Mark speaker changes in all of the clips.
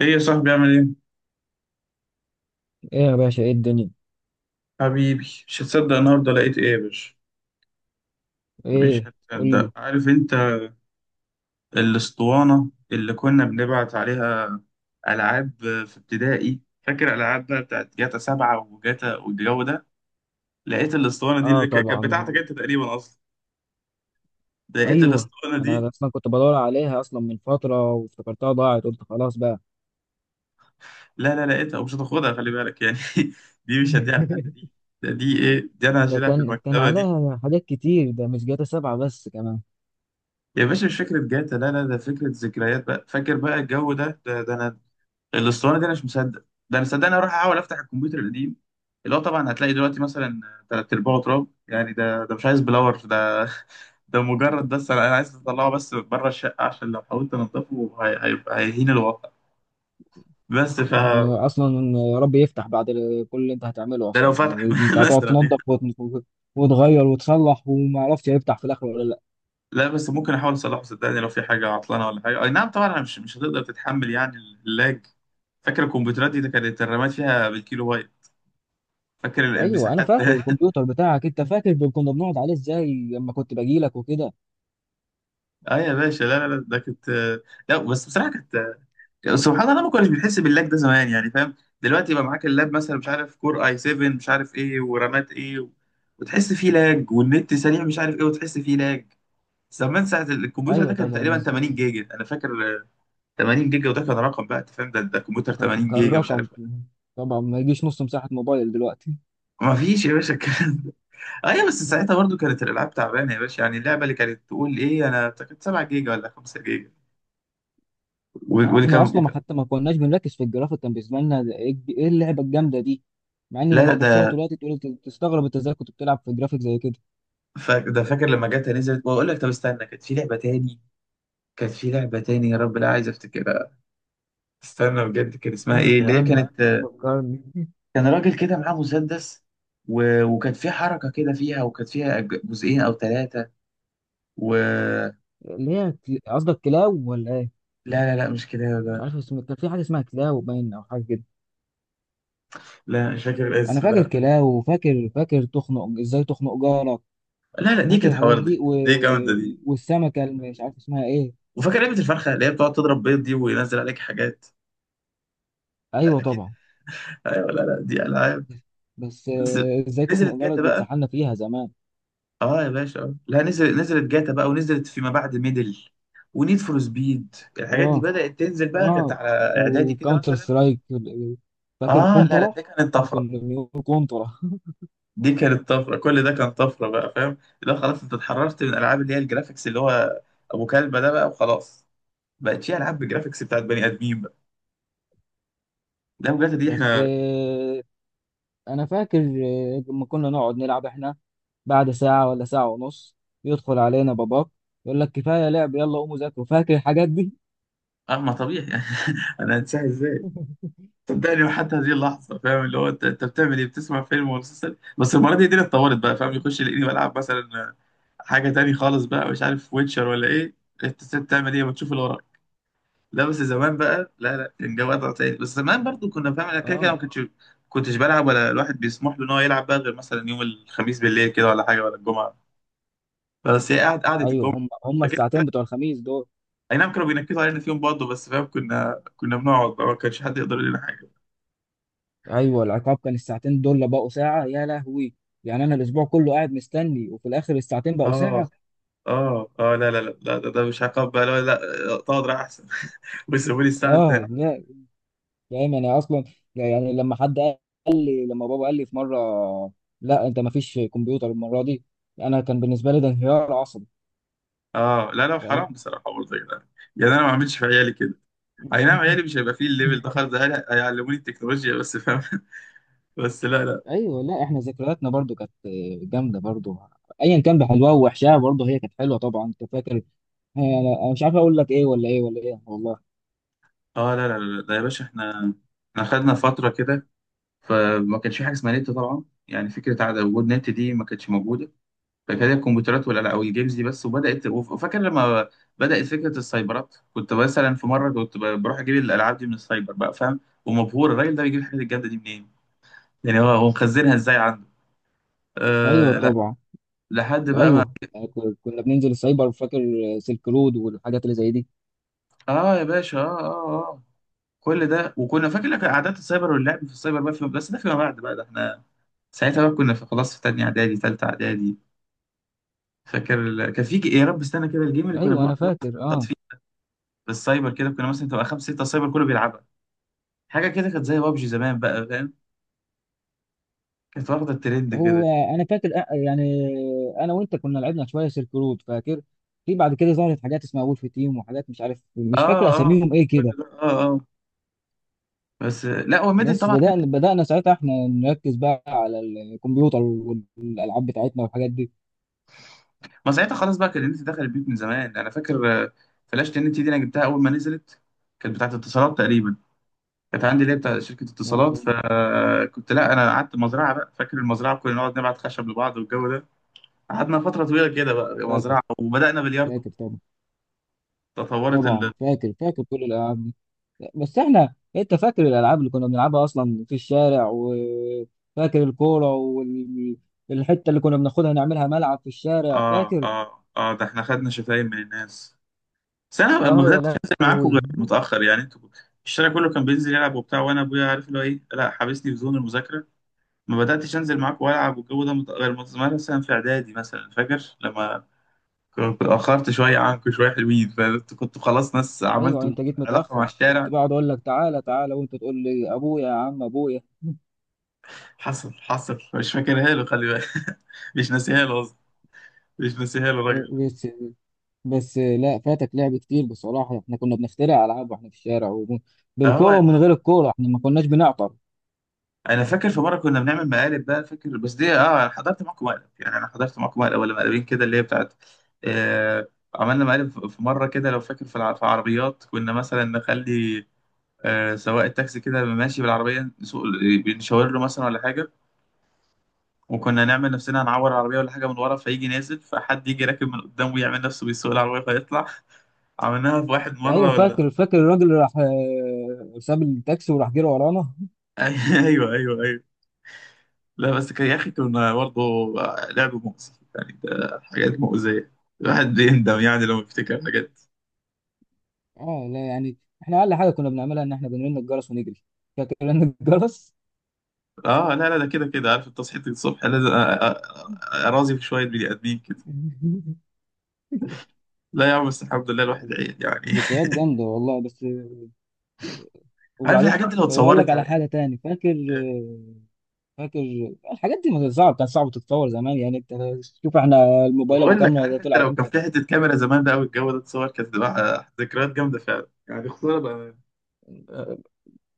Speaker 1: ايه يا صاحبي عامل ايه؟
Speaker 2: ايه يا باشا، ايه الدنيا؟
Speaker 1: حبيبي، مش هتصدق النهارده لقيت ايه يا باشا. مش
Speaker 2: ايه. قول لي.
Speaker 1: هتصدق، عارف انت. الاسطوانة اللي كنا بنبعت عليها ألعاب في ابتدائي، فاكر الألعاب بقى بتاعت جاتا سبعة وجاتا والجو ده. لقيت الاسطوانة دي
Speaker 2: اه
Speaker 1: اللي كانت
Speaker 2: طبعا.
Speaker 1: بتاعتك انت تقريبا أصلا. لقيت
Speaker 2: ايوه.
Speaker 1: الاسطوانة دي.
Speaker 2: انا اصلا كنت بدور عليها اصلا من فتره وافتكرتها ضاعت، قلت خلاص بقى.
Speaker 1: لا لا لقيتها، ومش هتاخدها خلي بالك يعني. دي مش هديها لحد دي. دي ايه دي، أنا
Speaker 2: ده
Speaker 1: هشيلها في
Speaker 2: كان
Speaker 1: المكتبة دي.
Speaker 2: عليها حاجات كتير، ده مش جاتا 7 بس كمان.
Speaker 1: يا باشا مش فكرة جاتا، لا لا، ده فكرة ذكريات بقى، فاكر بقى الجو ده، ده أنا. الاسطوانه دي انا مش مصدق، ده انا صدقني اروح احاول افتح الكمبيوتر القديم، اللي هو طبعا هتلاقي دلوقتي مثلا تلات ارباعه تراب يعني. ده مش عايز بلور ده، ده مجرد، بس أنا عايز اطلعه بس بره الشقه، عشان لو حاولت انضفه هيبقى هيهين الواقع. بس ف،
Speaker 2: اصلا يا رب يفتح بعد كل اللي انت هتعمله،
Speaker 1: ده لو
Speaker 2: اصلا
Speaker 1: فتح
Speaker 2: يعني انت هتقعد
Speaker 1: مثلا يعني.
Speaker 2: تنظف وتغير وتصلح، وما عرفتش هيفتح في الاخر ولا لا.
Speaker 1: لا بس ممكن احاول اصلحه صدقني، لو في حاجه عطلانه ولا حاجه اي نعم طبعا، أنا مش هتقدر تتحمل يعني اللاج. فاكر الكمبيوترات دي كانت الرامات فيها بالكيلو بايت، فاكر
Speaker 2: ايوه انا
Speaker 1: المساحات.
Speaker 2: فاكر الكمبيوتر بتاعك، انت فاكر كنا بنقعد عليه ازاي لما كنت باجي لك وكده؟
Speaker 1: اه يا باشا، لا لا لا ده كانت، لا بس بصراحه كانت، يعني سبحان الله ما كناش بنحس باللاج ده زمان يعني، فاهم؟ دلوقتي يبقى معاك اللاب مثلا، مش عارف كور اي 7 مش عارف ايه ورامات ايه و... وتحس فيه لاج، والنت سريع مش عارف ايه وتحس فيه لاج. زمان ساعة الكمبيوتر
Speaker 2: ايوه
Speaker 1: ده كان تقريبا
Speaker 2: طبعا.
Speaker 1: 80 جيجا انا فاكر. آه، 80 جيجا، وده كان رقم بقى انت فاهم، ده كمبيوتر 80 جيجا مش
Speaker 2: كالرقم.
Speaker 1: عارف إيه.
Speaker 2: طبعا ما يجيش نص مساحة موبايل دلوقتي.
Speaker 1: ما فيش يا باشا الكلام ده. ايوه، بس ساعتها برضو كانت الالعاب تعبانه يا باشا، يعني اللعبه اللي كانت تقول ايه انا كانت 7 جيجا ولا 5 جيجا،
Speaker 2: اه
Speaker 1: واللي كان
Speaker 2: احنا اصلا ما حتى ما كناش بنركز في الجرافيك، كان بالنسبه لنا ده ايه إيه اللعبه الجامده دي. مع ان
Speaker 1: لا لا
Speaker 2: لما تبص لها
Speaker 1: ده،
Speaker 2: دلوقتي تقول تستغرب انت ازاي كنت بتلعب في جرافيك زي كده.
Speaker 1: ده فاكر لما جاتها نزلت، واقول لك طب استنى، كانت في لعبه تاني. كانت في لعبة تاني يا رب، لا عايز افتكرها، استنى بجد كان اسمها ايه
Speaker 2: انهو
Speaker 1: اللي هي
Speaker 2: انهو
Speaker 1: كانت.
Speaker 2: فكرني.
Speaker 1: كان راجل كده معاه مسدس و... وكانت في حركة كده فيها، وكانت فيها جزئين او ثلاثة و،
Speaker 2: اللي هي قصدك كلاو ولا ايه؟
Speaker 1: لا لا لا مش كده
Speaker 2: مش
Speaker 1: لا.
Speaker 2: عارف اسمه، كان في حاجه اسمها كلاو باين او حاجه كده.
Speaker 1: لا مش فاكر
Speaker 2: انا
Speaker 1: الاسم
Speaker 2: فاكر
Speaker 1: لا.
Speaker 2: كلاو، وفاكر فاكر ازاي تخنق جارك.
Speaker 1: لا لا دي
Speaker 2: فاكر
Speaker 1: كانت
Speaker 2: الحاجات
Speaker 1: حوار
Speaker 2: دي،
Speaker 1: دي،
Speaker 2: و...
Speaker 1: دي جامدة دي.
Speaker 2: والسمكه اللي مش عارف اسمها ايه.
Speaker 1: وفاكر لعبة الفرخة اللي هي بتقعد تضرب بيض دي، وينزل عليك حاجات.
Speaker 2: ايوه
Speaker 1: اكيد.
Speaker 2: طبعا.
Speaker 1: ايوه، لا لا دي العاب.
Speaker 2: بس
Speaker 1: بس
Speaker 2: ازاي تخنق
Speaker 1: نزلت
Speaker 2: جارك
Speaker 1: جاتا
Speaker 2: دي
Speaker 1: بقى،
Speaker 2: اتسحلنا فيها زمان.
Speaker 1: اه يا باشا. لا نزل، نزلت جاتا بقى، ونزلت فيما بعد ميدل ونيد فور سبيد، الحاجات دي
Speaker 2: اه،
Speaker 1: بدأت تنزل بقى، كانت
Speaker 2: اه،
Speaker 1: على اعدادي كده
Speaker 2: وكاونتر
Speaker 1: مثلا.
Speaker 2: سترايك. فاكر
Speaker 1: اه لا لا
Speaker 2: كونترا.
Speaker 1: دي كانت طفرة،
Speaker 2: كنا بنقول كونترا.
Speaker 1: دي كانت طفرة، كل ده كان طفرة بقى فاهم؟ لا خلاص انت اتحررت من العاب اللي هي الجرافيكس اللي هو ابو كلبة ده بقى، وخلاص بقت في العاب بالجرافيكس بتاعت بني ادمين بقى. لا بجد دي
Speaker 2: بس
Speaker 1: احنا.
Speaker 2: انا فاكر لما كنا نقعد نلعب احنا بعد ساعة ولا ساعة ونص، يدخل علينا باباك يقول لك كفاية لعب، يلا قوموا ذاكروا، فاكر الحاجات دي؟
Speaker 1: اه ما طبيعي. انا هنساها ازاي؟ صدقني وحتى هذه اللحظه فاهم اللي هو، انت بتعمل ايه، بتسمع فيلم ولا مسلسل. بس المره دي الدنيا اتطورت بقى، فاهم يخش يلاقيني بلعب مثلا حاجه تاني خالص بقى، مش عارف ويتشر ولا ايه. انت ست بتعمل ايه وتشوف اللي وراك. لا بس زمان بقى لا لا، كان جو وضع تاني. بس زمان برضو كنا فاهم انا كده كده
Speaker 2: اه.
Speaker 1: ما كنتش بلعب، ولا الواحد بيسمح له ان هو يلعب بقى، غير مثلا يوم الخميس بالليل كده ولا حاجه، ولا الجمعه. بس هي قعد قعده
Speaker 2: ايوه،
Speaker 1: الجمعه
Speaker 2: هم
Speaker 1: فكده.
Speaker 2: الساعتين بتوع الخميس دول.
Speaker 1: اي نعم كانوا بينكدوا علينا فيهم برضه، بس فاهم كنا بنقعد بقى، ما كانش حد يقدر يقول لنا حاجه.
Speaker 2: ايوه العقاب كان الساعتين دول اللي بقوا ساعة، يا لهوي. يعني انا الاسبوع كله قاعد مستني، وفي الاخر الساعتين بقوا
Speaker 1: اه
Speaker 2: ساعة.
Speaker 1: اه اه لا لا لا لا، ده مش عقاب بقى لا لا. اقعد راح احسن. ويسيبوا لي الساعه
Speaker 2: اه.
Speaker 1: التانية.
Speaker 2: فاهم، انا اصلا يعني لما بابا قال لي في مره، لا انت ما فيش كمبيوتر المره دي، انا كان بالنسبه لي ده انهيار عصبي.
Speaker 1: اه لا لا حرام
Speaker 2: فاهم؟
Speaker 1: بصراحه برضه يا جدعان. يعني انا ما اعملش في عيالي كده. اي نعم عيالي مش هيبقى فيه الليفل ده خالص، ده عيالي هيعلموني التكنولوجيا بس فاهم. بس لا لا.
Speaker 2: ايوه لا، احنا ذكرياتنا برضو كانت جامده برضو، ايا كان بحلوها ووحشها برضو، هي كانت حلوه طبعا، انت فاكر. انا مش عارف اقول لك ايه ولا ايه ولا ايه، والله.
Speaker 1: اه لا لا لا ده يا باشا احنا، احنا خدنا فتره كده فما كانش في حاجه اسمها نت طبعا، يعني فكره عدم وجود نت دي ما كانتش موجوده. كانت هي الكمبيوترات ولا لا، او الجيمز دي بس. وبدات وفاكر لما بدات فكره السايبرات، كنت مثلا في مره كنت بروح اجيب الالعاب دي من السايبر بقى فاهم. ومبهور الراجل ده بيجيب الحاجات الجامده دي منين، يعني هو مخزنها ازاي عنده.
Speaker 2: ايوه
Speaker 1: أه لا
Speaker 2: طبعا.
Speaker 1: لحد بقى ما،
Speaker 2: ايوه، كنا بننزل السايبر فاكر، سلك رود والحاجات اللي زي دي.
Speaker 1: اه يا باشا اه اه اه. كل ده، وكنا فاكر لك قعدات السايبر واللعب في السايبر بقى في، بس ده فيما بعد بقى، ده احنا ساعتها بقى كنا في خلاص في تانية اعدادي تالتة اعدادي. فاكر كان في يا رب استنى كده الجيم اللي كنا
Speaker 2: ايوه
Speaker 1: بنقعد
Speaker 2: انا فاكر،
Speaker 1: نلعب
Speaker 2: اه.
Speaker 1: فيه في السايبر كده، كنا مثلا تبقى خمسة ستة سايبر كله بيلعبها. حاجه كده كانت زي بابجي زمان بقى فاهم، كانت واخده الترند كده.
Speaker 2: هو انا فاكر يعني انا وانت كنا لعبنا شويه سيرك رود فاكر. في بعد كده ظهرت حاجات اسمها وولف تيم، وحاجات مش عارف مش
Speaker 1: اه
Speaker 2: فاكر
Speaker 1: اه،
Speaker 2: اساميهم ايه
Speaker 1: كل
Speaker 2: كده.
Speaker 1: ده اه اه. بس لا هو ميدل
Speaker 2: بس
Speaker 1: طبعا ميدل.
Speaker 2: بدانا ساعتها احنا نركز بقى على الكمبيوتر والالعاب بتاعتنا والحاجات دي.
Speaker 1: ما ساعتها خلاص بقى كان النت دخل البيوت من زمان انا فاكر. فلاشة النت دي انا جبتها اول ما نزلت، كانت بتاعت اتصالات تقريبا، كانت عندي اللي هي بتاع شركه
Speaker 2: آه،
Speaker 1: اتصالات. فكنت لا، انا قعدت مزرعه بقى، فاكر المزرعه كنا نقعد نبعت خشب لبعض والجو ده. قعدنا فتره طويله كده بقى
Speaker 2: فاكر،
Speaker 1: مزرعه، وبدانا بلياردو.
Speaker 2: فاكر طبعا،
Speaker 1: تطورت ال،
Speaker 2: طبعا فاكر فاكر كل الالعاب دي. بس احنا، انت فاكر الالعاب اللي كنا بنلعبها اصلا في الشارع؟ وفاكر الكوره، والحته اللي كنا بناخدها نعملها ملعب في الشارع
Speaker 1: اه
Speaker 2: فاكر؟
Speaker 1: اه اه ده احنا خدنا شتايم من الناس. بس انا ما
Speaker 2: اه يا
Speaker 1: بداتش انزل معاكم
Speaker 2: لهوي.
Speaker 1: غير متاخر يعني، انتوا الشارع كله كان بينزل يلعب وبتاع، وانا ابويا عارف اللي هو ايه، لا حابسني في زون المذاكره. ما بداتش انزل معاكم والعب والجو ده مت- غير مت- مثلا في اعدادي مثلا، فاكر لما كنت اتاخرت شويه عنكم شويه، حلوين فانتوا كنتوا خلاص ناس
Speaker 2: ايوه
Speaker 1: عملتوا
Speaker 2: انت جيت
Speaker 1: علاقه مع
Speaker 2: متاخر، كنت
Speaker 1: الشارع.
Speaker 2: بقعد اقول لك تعالى تعالى، وانت تقول لي ابويا يا عم ابويا.
Speaker 1: حصل حصل مش فاكرها له خلي بالك. مش ناسيها له قصدي، مش ناسيها له الراجل ده.
Speaker 2: إيه بس. بس لا، فاتك لعب كتير بصراحه، احنا كنا بنخترع العاب واحنا في الشارع
Speaker 1: اه
Speaker 2: بالكوره،
Speaker 1: يا
Speaker 2: ومن
Speaker 1: مان.
Speaker 2: غير الكوره احنا ما كناش بنعطر.
Speaker 1: انا فاكر في مره كنا بنعمل مقالب بقى فاكر، بس دي اه انا حضرت معاكم مقلب يعني، انا حضرت معاكم مقلب ولا مقلبين كده اللي هي بتاعت، آه عملنا مقالب في، في مره كده لو فاكر في في عربيات، كنا مثلا نخلي آه سواق التاكسي كده ماشي بالعربيه نسوق، بنشاور له مثلا ولا حاجه، وكنا نعمل نفسنا هنعور العربيه ولا حاجه من ورا فيجي نازل، فحد يجي راكب من قدام ويعمل نفسه بيسوق العربيه فيطلع. عملناها في واحد
Speaker 2: ايوه
Speaker 1: مره، ايوه ولا؟
Speaker 2: فاكر، فاكر الراجل اللي راح ساب التاكسي وراح جري ورانا.
Speaker 1: ايوه ايوه ايوه. لا بس كان يا اخي كنا برضه لعب مؤذي يعني، ده حاجات مؤذية، الواحد بيندم يعني لما بيفتكر حاجات.
Speaker 2: اه لا يعني، احنا اقل حاجه كنا بنعملها ان احنا بنرن الجرس ونجري، فاكر رن الجرس؟
Speaker 1: اه لا لا ده كده كده، عارف انت صحيت الصبح لازم اراضي في شوية بني ادمين كده. لا يا عم بس الحمد لله الواحد عيل يعني.
Speaker 2: ذكريات جامده والله، بس.
Speaker 1: عارف
Speaker 2: وبعدين،
Speaker 1: الحاجات دي لو
Speaker 2: طب اقول لك
Speaker 1: اتصورت
Speaker 2: على
Speaker 1: يعني.
Speaker 2: حاجه تاني، فاكر.
Speaker 1: آه،
Speaker 2: فاكر الحاجات دي ما كانت صعب، كان صعب تتطور زمان، يعني انت شوف احنا الموبايل ابو
Speaker 1: بقول لك،
Speaker 2: كاميرا ده
Speaker 1: عارف انت،
Speaker 2: طلع
Speaker 1: لو كان
Speaker 2: امتى.
Speaker 1: في حتة كاميرا زمان بقى والجو ده اتصور، كانت تبقى ذكريات جامدة فعلا يعني، خسارة بقى.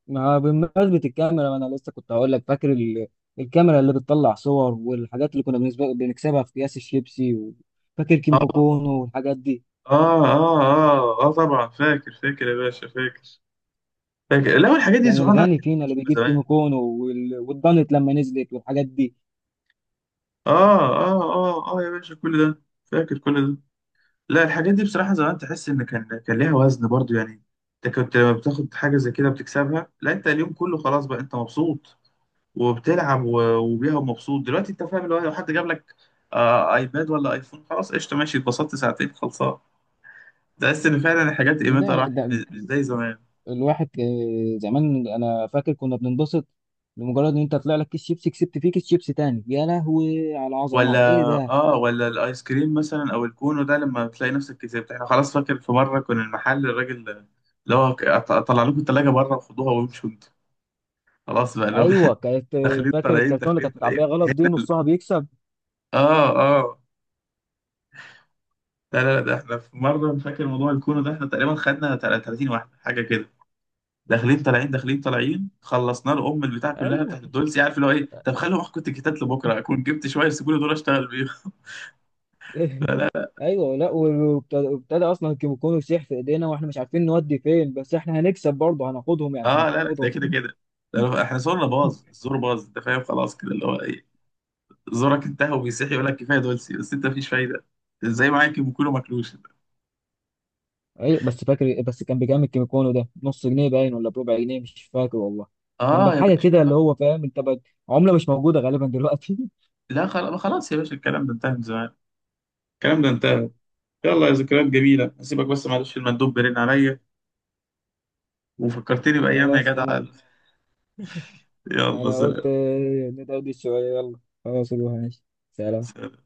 Speaker 2: ما بمناسبة الكاميرا، ما انا لسه كنت هقول لك فاكر الكاميرا اللي بتطلع صور، والحاجات اللي كنا بالنسبة بنكسبها في اكياس الشيبسي فاكر كيمو
Speaker 1: اه
Speaker 2: كونو والحاجات دي.
Speaker 1: اه اه اه اه طبعا فاكر فاكر يا باشا فاكر. فاكر لا، والحاجات دي
Speaker 2: كان
Speaker 1: سبحان الله
Speaker 2: الغني
Speaker 1: كانت
Speaker 2: فينا اللي
Speaker 1: قديمة
Speaker 2: بيجيب كيمو
Speaker 1: زمان.
Speaker 2: كونو والدانت لما نزلت والحاجات دي.
Speaker 1: اه اه اه اه يا باشا كل ده فاكر كل ده. لا الحاجات دي بصراحة زمان تحس ان كان كان ليها وزن برضو يعني، انت كنت لما بتاخد حاجة زي كده بتكسبها. لا انت اليوم كله خلاص بقى انت مبسوط، وبتلعب وبيها ومبسوط. دلوقتي انت فاهم اللي هو لو حد جاب لك آه ايباد ولا ايفون، خلاص قشطة ماشي اتبسطت ساعتين خلصان. تحس ان فعلا الحاجات
Speaker 2: لا
Speaker 1: قيمتها
Speaker 2: لا،
Speaker 1: راحت،
Speaker 2: ده
Speaker 1: مش زي زمان.
Speaker 2: الواحد زمان انا فاكر كنا بننبسط لمجرد ان انت طلع لك كيس شيبسي كسبت فيه كيس شيبسي تاني، يا لهوي على
Speaker 1: ولا
Speaker 2: العظمه ايه ده.
Speaker 1: اه، ولا الايس كريم مثلا او الكونو ده لما تلاقي نفسك كسبت، احنا خلاص فاكر في مره كنا المحل، الراجل اللي هو طلع لكم الثلاجه بره وخدوها وامشوا انتوا خلاص بقى اللي هو،
Speaker 2: ايوه كانت،
Speaker 1: داخلين
Speaker 2: فاكر
Speaker 1: طالعين
Speaker 2: الكرتون اللي
Speaker 1: داخلين
Speaker 2: كانت متعبيه
Speaker 1: طالعين.
Speaker 2: غلط دي نصها بيكسب.
Speaker 1: اه اه لا لا لا، ده احنا في مره أنا فاكر موضوع الكونو ده، احنا تقريبا خدنا 30 واحده حاجه كده. داخلين طالعين داخلين طالعين، خلصنا له ام البتاع كلها
Speaker 2: ايوه.
Speaker 1: بتاعت الدولسي عارف اللي هو ايه، طب خلوا اخد الكتاب لبكره اكون جبت شويه، سيبوا لي دول اشتغل بيه.
Speaker 2: ايوه لا، وابتدى اصلا الكيميكون يسيح في ايدينا واحنا مش عارفين نودي فين، بس احنا هنكسب برضه هناخدهم يعني،
Speaker 1: اه لا لا ده
Speaker 2: هناخدهم.
Speaker 1: كده كده، ده لو- احنا زورنا باظ، الزور باظ انت فاهم خلاص كده اللي هو ايه، زورك انتهى وبيصيح يقول لك كفايه دولسي، بس انت مفيش فايده زي معاك، كله ماكلوش.
Speaker 2: ايوه بس فاكر، بس كان بكام الكيميكون ده، نص جنيه باين ولا بربع جنيه مش فاكر والله. كان
Speaker 1: اه يا
Speaker 2: بحاجه
Speaker 1: باشا.
Speaker 2: كده اللي هو فاهم انت بقى، عمله مش موجوده غالبا دلوقتي.
Speaker 1: لا خلاص خلاص يا باشا الكلام ده انتهى من زمان، الكلام ده انتهى. يلا يا ذكريات جميله هسيبك، بس معلش المندوب بيرن عليا. وفكرتني بايام يا
Speaker 2: خلاص
Speaker 1: جدع.
Speaker 2: تمام.
Speaker 1: يلا
Speaker 2: انا قلت ندردش شويه، يلا خلاص روح ماشي. سلام.
Speaker 1: سلام.